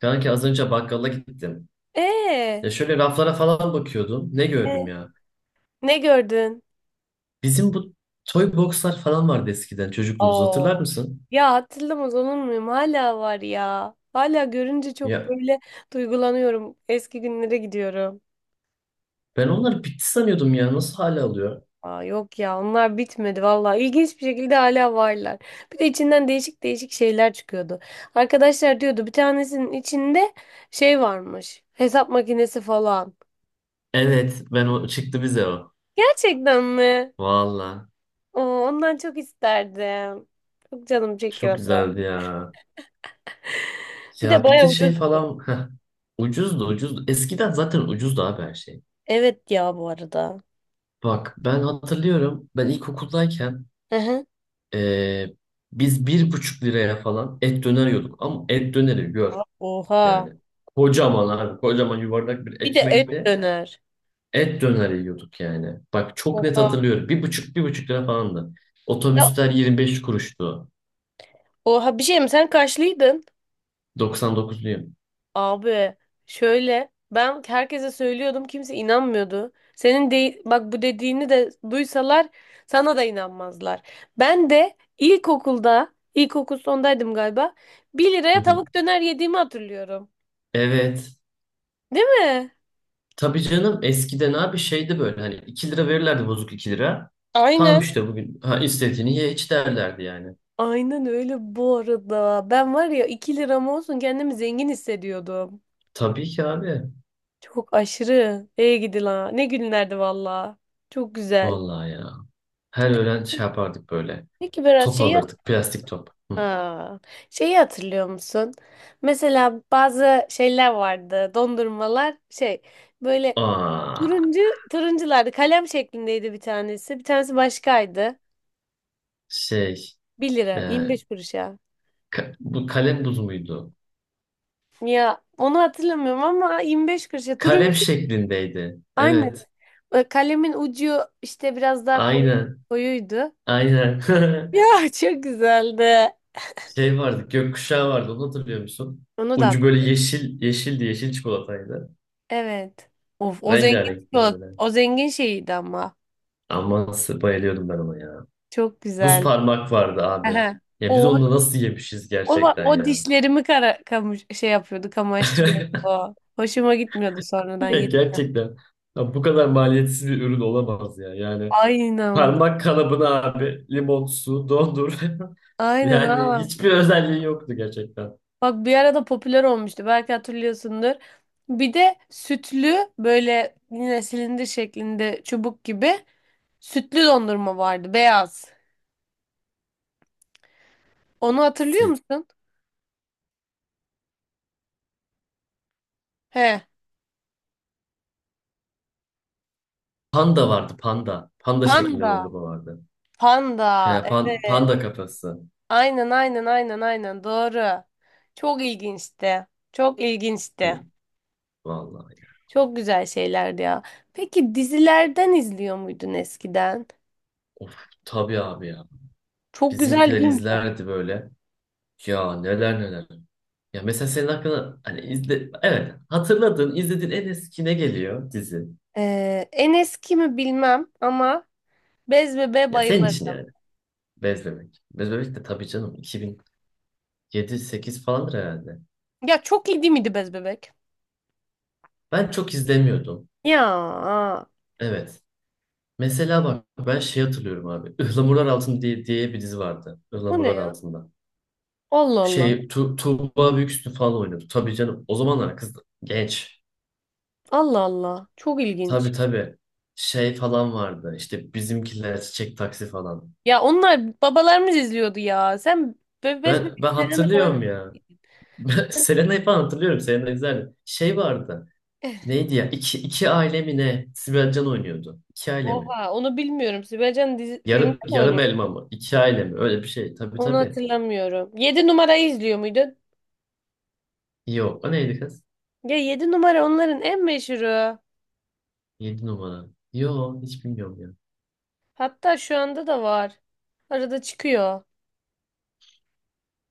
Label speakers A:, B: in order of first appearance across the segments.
A: Kanki az önce bakkala gittim.
B: Ee,
A: Ya şöyle raflara falan bakıyordum. Ne gördüm
B: e,
A: ya?
B: Ne gördün?
A: Bizim bu toy boxlar falan vardı eskiden çocukluğumuzda hatırlar
B: Oo.
A: mısın?
B: Ya hatırlamaz olur muyum? Hala var ya. Hala görünce çok
A: Ya
B: böyle duygulanıyorum. Eski günlere gidiyorum.
A: ben onları bitti sanıyordum ya. Nasıl hala alıyor?
B: Aa, yok ya onlar bitmedi vallahi. İlginç bir şekilde hala varlar. Bir de içinden değişik değişik şeyler çıkıyordu. Arkadaşlar diyordu bir tanesinin içinde şey varmış. Hesap makinesi falan.
A: Evet ben o çıktı bize o.
B: Gerçekten mi?
A: Valla
B: Oo, ondan çok isterdim. Çok canım
A: çok
B: çekiyordu.
A: güzeldi ya.
B: Bir de
A: Ya bir
B: bayağı
A: de şey
B: ucuz.
A: falan ucuzdu ucuzdu. Eskiden zaten ucuzdu abi her şey.
B: Evet ya bu arada.
A: Bak ben hatırlıyorum ben ilkokuldayken
B: Hı hı.
A: ee, biz 1,5 liraya falan et döner yiyorduk. Ama et döneri gör.
B: Oha.
A: Yani kocaman abi kocaman yuvarlak bir
B: Bir de et
A: ekmekte
B: döner.
A: et döner yiyorduk yani. Bak çok net
B: Oha.
A: hatırlıyorum. 1,5 1,5 lira falandı.
B: Ya,
A: Otobüsler 25 kuruştu.
B: oha bir şey mi? Sen kaçlıydın?
A: 99'luyum.
B: Abi şöyle ben herkese söylüyordum kimse inanmıyordu. Senin de bak bu dediğini de duysalar sana da inanmazlar. Ben de ilkokulda ilkokul sondaydım galiba. Bir
A: Hı
B: liraya
A: hı.
B: tavuk döner yediğimi hatırlıyorum.
A: Evet.
B: Değil mi?
A: Tabii canım eskiden abi şeydi böyle hani 2 lira verirlerdi bozuk 2 lira. Tamam
B: Aynen.
A: işte bugün ha istediğini ye iç derlerdi yani.
B: Aynen öyle bu arada. Ben var ya 2 liram olsun kendimi zengin hissediyordum.
A: Tabii ki abi.
B: Çok aşırı. Ey gidi la. Ne günlerdi valla. Çok güzel.
A: Vallahi ya. Her öğlen şey yapardık böyle.
B: Peki Berat
A: Top
B: şeyi.
A: alırdık. Plastik top. Hı.
B: Aa, şeyi hatırlıyor musun? Mesela bazı şeyler vardı. Dondurmalar şey böyle
A: Aa,
B: turuncu turunculardı. Kalem şeklindeydi bir tanesi. Bir tanesi başkaydı.
A: şey.
B: Bir lira
A: E,
B: 25 kuruşa.
A: Bu kalem buz muydu?
B: Ya onu hatırlamıyorum ama 25 kuruşa. Turuncu
A: Kalem şeklindeydi.
B: aynen.
A: Evet.
B: Kalemin ucu işte biraz daha koyu
A: Aynen.
B: koyuydu.
A: Aynen.
B: Ya çok güzeldi.
A: Şey vardı. Gökkuşağı vardı. Onu hatırlıyor musun?
B: Onu da.
A: Ucu böyle yeşil, yeşildi. Yeşil çikolataydı.
B: Evet. Of
A: Rengarenkti böyle.
B: o zengin şeyiydi ama.
A: Ama bayılıyordum ben ona ya.
B: Çok
A: Buz
B: güzel.
A: parmak vardı abi.
B: Aha.
A: Ya biz
B: O
A: onu nasıl yemişiz gerçekten
B: O
A: ya.
B: dişlerimi kara kamış şey yapıyordu, kamaştırıyordu. Hoşuma gitmiyordu sonradan
A: Ya
B: yedikten.
A: gerçekten. Ya bu kadar maliyetsiz bir ürün olamaz ya. Yani
B: Aynen.
A: parmak kalıbını abi limon su dondur.
B: Aynen
A: Yani
B: ha.
A: hiçbir özelliği yoktu gerçekten.
B: Bak bir arada popüler olmuştu. Belki hatırlıyorsundur. Bir de sütlü böyle yine silindir şeklinde çubuk gibi sütlü dondurma vardı beyaz. Onu hatırlıyor
A: Si-
B: musun? He.
A: Panda vardı panda. Panda şeklinde
B: Panda.
A: dondurma vardı.
B: Panda.
A: Ya,
B: Evet.
A: panda kafası.
B: Aynen aynen aynen aynen doğru. Çok ilginçti. Çok
A: Hı,
B: ilginçti.
A: vallahi.
B: Çok güzel şeylerdi ya. Peki dizilerden izliyor muydun eskiden?
A: Of tabii abi ya.
B: Çok güzel
A: Bizimkiler
B: değil mi?
A: izlerdi böyle. Ya neler neler. Ya mesela senin hakkında hani izle evet hatırladığın izlediğin en eski ne geliyor dizi?
B: En eski mi bilmem ama Bez Bebek'e
A: Ya senin için
B: bayılırım.
A: yani. Bez Bebek. Bez Bebek de tabii canım 2007-8 falandır herhalde.
B: Ya çok iyi değil miydi Bez Bebek?
A: Ben çok izlemiyordum.
B: Ya
A: Evet. Mesela bak ben şey hatırlıyorum abi. Ihlamurlar Altında diye bir dizi vardı.
B: bu ne
A: Ihlamurlar
B: ya?
A: Altında.
B: Allah Allah.
A: Şey Tuğba Büyüksün falan oynuyordu. Tabii canım. O zamanlar kız genç.
B: Allah Allah. Çok
A: Tabii
B: ilginç.
A: tabii. Şey falan vardı. İşte bizimkiler çiçek taksi falan.
B: Ya onlar babalarımız izliyordu ya. Sen Bez
A: Ben
B: Bebek
A: ben
B: Serena
A: hatırlıyorum
B: falan.
A: ya. Ben Selena'yı falan hatırlıyorum. Selena güzel. Şey vardı. Neydi ya? İki aile mi ne? Sibel Can oynuyordu. İki aile mi?
B: Oha onu bilmiyorum. Sibel Can dizi, filmde
A: Yarım,
B: mi
A: yarım
B: oynuyor?
A: elma mı? İki aile mi? Öyle bir şey. Tabii
B: Onu
A: tabii.
B: hatırlamıyorum. 7 numarayı izliyor muydun?
A: Yok. O neydi kız?
B: Ya 7 numara onların en meşhuru.
A: 7 numara. Yo hiç bilmiyorum ya.
B: Hatta şu anda da var. Arada çıkıyor.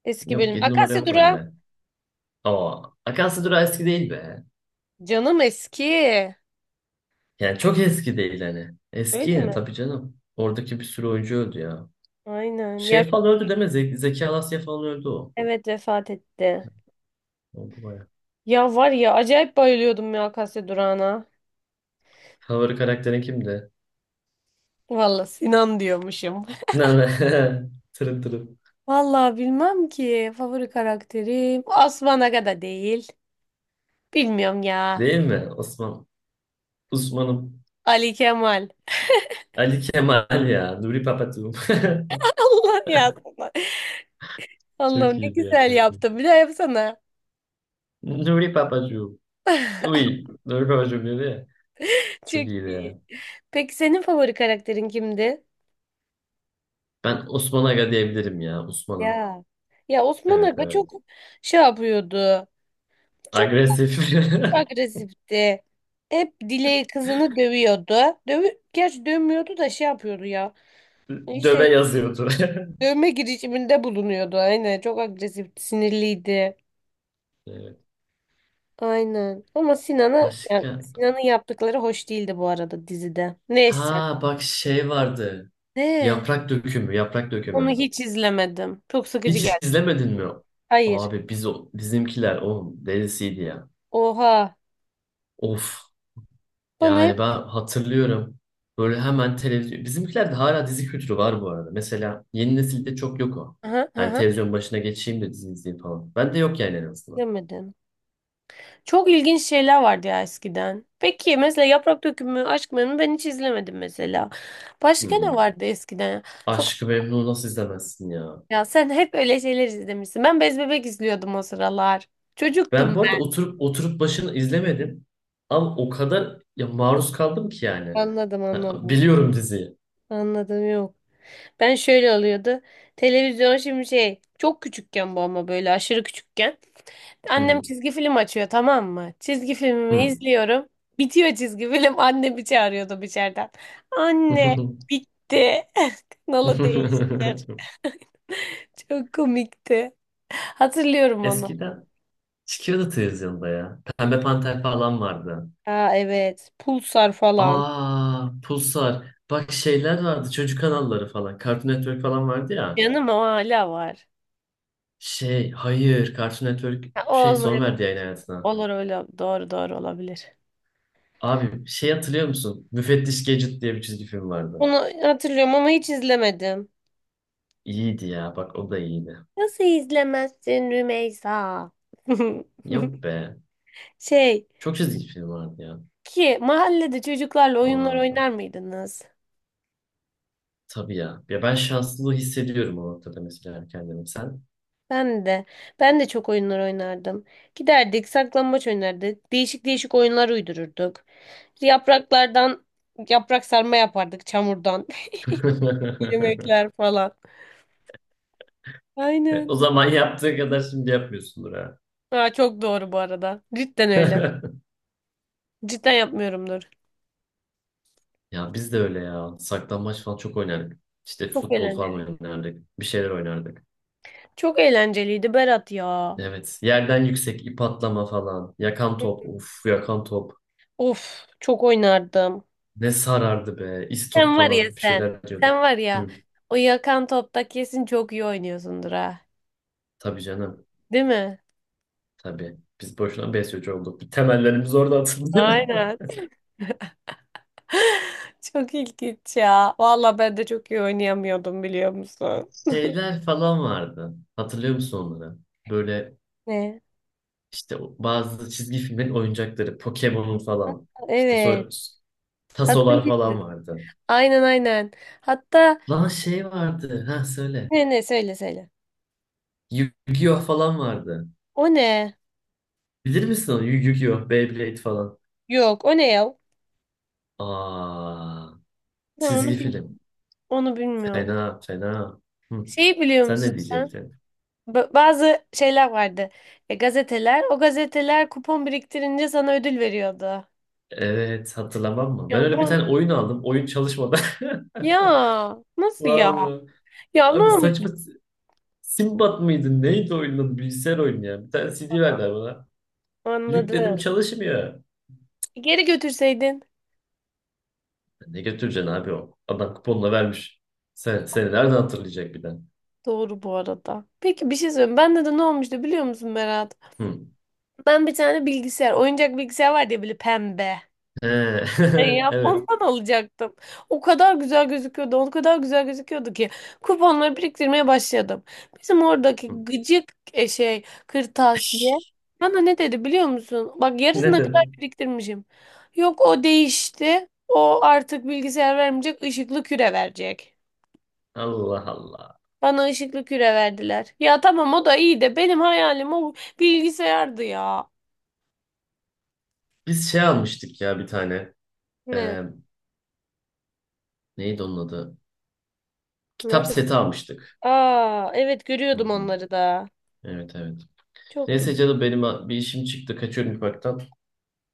B: Eski
A: Yok
B: bölüm.
A: 7 numara
B: Akasya
A: yok
B: Durağı.
A: bende. Ama Akansı Durağı eski değil be.
B: Canım eski.
A: Yani çok eski değil hani. Eski
B: Öyle
A: yine
B: mi?
A: tabii canım. Oradaki bir sürü oyuncu öldü ya.
B: Aynen.
A: Şey falan öldü deme. Zeki Alasya falan öldü o.
B: Evet, vefat etti.
A: Oldu baya.
B: Ya var ya acayip bayılıyordum ya Akasya Durağı'na.
A: Favori karakterin kimdi?
B: Valla Sinan diyormuşum.
A: Ne ne? Tırın tırın.
B: Valla bilmem ki. Favori karakterim. Osman Aga da değil. Bilmiyorum ya.
A: Değil mi? Osman. Osman'ım.
B: Ali Kemal.
A: Ali Kemal ya. Nuri Papacığım.
B: Allah ya. Allah'ım
A: Çok
B: ne
A: iyiydi
B: güzel
A: gerçekten.
B: yaptın. Bir daha yapsana.
A: Nuri Papacığım. Uy. Nuri Papacığım dedi ya.
B: Çok
A: Çok iyiydi
B: iyi.
A: ya.
B: Peki senin favori karakterin kimdi?
A: Ben Osman Aga diyebilirim ya. Osman'ım.
B: Ya. Ya Osman
A: Evet
B: Aga
A: evet.
B: çok şey yapıyordu. Çok
A: Agresif.
B: agresifti. Hep Dilek'i kızını dövüyordu. Gerçi dövmüyordu da şey yapıyordu ya.
A: Döve
B: İşte
A: yazıyordu.
B: dövme girişiminde bulunuyordu. Aynen çok agresifti, sinirliydi.
A: Evet.
B: Aynen. Ama Sinan'a yani
A: Başka?
B: Sinan'ın yaptıkları hoş değildi bu arada dizide. Neyse.
A: Ha bak şey vardı.
B: Ne?
A: Yaprak dökümü, yaprak
B: Onu
A: dökümü.
B: hiç izlemedim. Çok sıkıcı
A: Hiç
B: geldi.
A: izlemedin mi?
B: Hayır.
A: Abi biz o bizimkiler o delisiydi ya.
B: Oha.
A: Of.
B: Bana hep.
A: Yani ben hatırlıyorum. Böyle hemen televizyon. Bizimkilerde hala dizi kültürü var bu arada. Mesela yeni nesilde çok yok o.
B: Hı hı
A: Hani
B: hı.
A: televizyon başına geçeyim de dizi izleyeyim falan. Ben de yok yani en azından.
B: Çok ilginç şeyler vardı ya eskiden. Peki mesela Yaprak Dökümü, Aşk Memnu ben hiç izlemedim mesela.
A: Hı
B: Başka
A: hı.
B: ne vardı eskiden? Sokak
A: Aşkı Memnu nasıl izlemezsin ya?
B: Ya sen hep öyle şeyler izlemişsin. Ben Bez Bebek izliyordum o sıralar.
A: Ben
B: Çocuktum
A: bu arada oturup oturup başını izlemedim. Ama o kadar ya maruz kaldım ki yani.
B: ben. Anladım
A: Ha,
B: anladım.
A: biliyorum diziyi.
B: Anladım yok. Ben şöyle oluyordu. Televizyon şimdi şey çok küçükken bu ama böyle aşırı küçükken.
A: Hı
B: Annem
A: hı.
B: çizgi film açıyor tamam mı? Çizgi filmimi
A: Hı.
B: izliyorum. Bitiyor çizgi film. Anne bir çağırıyordu içeriden. Anne bitti. Kanalı değiştir. Çok komikti. Hatırlıyorum onu.
A: Eskiden çıkıyordu televizyonda ya. Pembe Panter falan vardı.
B: Aa evet. Pulsar falan.
A: Aa, Pulsar. Bak şeyler vardı. Çocuk kanalları falan. Cartoon Network falan vardı ya.
B: Yanım o hala var.
A: Şey, hayır. Cartoon Network
B: Ha, o
A: şey son
B: olmayabilir.
A: verdi yayın hayatına.
B: Olur öyle. Doğru doğru olabilir.
A: Abi şey hatırlıyor musun? Müfettiş Gadget diye bir çizgi film vardı.
B: Bunu hatırlıyorum ama hiç izlemedim.
A: İyiydi ya. Bak o da iyiydi.
B: Nasıl izlemezsin Rümeysa?
A: Yok be.
B: Şey,
A: Çok çizgi film vardı ya.
B: Ki mahallede çocuklarla oyunlar
A: Oralarda.
B: oynar mıydınız?
A: Tabii ya. Ya ben şanslılığı hissediyorum o noktada mesela kendimi. Sen?
B: Ben de. Ben de çok oyunlar oynardım. Giderdik, saklambaç oynardık. Değişik değişik oyunlar uydururduk. Yapraklardan yaprak sarma yapardık çamurdan. Yemekler falan.
A: E,
B: Aynen.
A: o zaman yaptığı kadar şimdi yapmıyorsundur ha.
B: Aa, çok doğru bu arada. Cidden öyle. Cidden yapmıyorumdur.
A: Ya biz de öyle ya. Saklambaç falan çok oynardık. İşte
B: Çok
A: futbol falan
B: eğlenceliydi.
A: oynardık. Bir şeyler oynardık.
B: Çok eğlenceliydi Berat ya.
A: Evet. Yerden yüksek ip atlama falan. Yakan top. Uf yakan top.
B: Of, çok oynardım.
A: Ne sarardı be. İstop
B: Sen var ya
A: falan bir
B: sen.
A: şeyler
B: Sen
A: diyorduk.
B: var ya.
A: Hı,
B: O yakan topta kesin çok iyi oynuyorsundur ha.
A: tabii canım.
B: Değil mi?
A: Tabii. Biz boşuna besyocu olduk. Bir temellerimiz orada atıldı.
B: Aynen. Çok ilginç ya. Valla ben de çok iyi oynayamıyordum biliyor musun?
A: Şeyler falan vardı. Hatırlıyor musun onları? Böyle
B: Ne?
A: işte bazı çizgi filmlerin oyuncakları. Pokemon'un falan. İşte
B: Evet.
A: tasolar
B: Hatırlıyorum.
A: falan vardı.
B: Aynen aynen. Hatta
A: Lan şey vardı. Ha söyle.
B: ne ne söyle söyle.
A: Yu-Gi-Oh falan vardı.
B: O ne?
A: Bilir misin onu? Yu-Gi-Oh, Beyblade falan.
B: Yok o ne ya?
A: Aa,
B: Ben
A: çizgi film.
B: onu bilmiyorum.
A: Fena, fena. Hı.
B: Şeyi biliyor
A: Sen
B: musun
A: ne
B: sen?
A: diyecektin?
B: Bazı şeyler vardı. Gazeteler. O gazeteler kupon biriktirince sana ödül veriyordu.
A: Evet hatırlamam mı?
B: Ya
A: Ben öyle bir
B: ben...
A: tane oyun aldım. Oyun çalışmadan.
B: Ya nasıl ya?
A: Vallahi.
B: Ya ne
A: Abi
B: olmuş?
A: saçma Simbat mıydı? Neydi oyunun adı? Bilgisayar oyunu ya. Bir tane CD verdiler bana. Yükledim
B: Anladım.
A: çalışmıyor.
B: Geri götürseydin.
A: Ne götüreceksin abi o? Adam kuponla vermiş. Sen, seni nereden hatırlayacak bir de?
B: Doğru bu arada. Peki bir şey söyleyeyim. Bende de ne olmuştu biliyor musun Berat?
A: Hı.
B: Ben bir tane bilgisayar, oyuncak bilgisayar var diye böyle pembe.
A: He.
B: Ya
A: Evet.
B: ondan alacaktım. O kadar güzel gözüküyordu, o kadar güzel gözüküyordu ki kuponları biriktirmeye başladım. Bizim
A: Hı.
B: oradaki gıcık şey kırtasiye bana ne dedi biliyor musun? Bak yarısına
A: Ne
B: kadar
A: dedi?
B: biriktirmişim. Yok o değişti. O artık bilgisayar vermeyecek, ışıklı küre verecek.
A: Allah Allah.
B: Bana ışıklı küre verdiler. Ya tamam o da iyi de benim hayalim o bilgisayardı ya.
A: Biz şey almıştık ya bir tane.
B: Ne?
A: Ee, neydi onun adı? Kitap
B: Nasıl?
A: seti almıştık.
B: Aa evet
A: Hı
B: görüyordum
A: hı.
B: onları da.
A: Evet evet.
B: Çok
A: Neyse
B: güzel.
A: canım benim bir işim çıktı. Kaçıyorum ufaktan.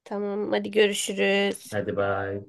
B: Tamam hadi görüşürüz.
A: Hadi bay.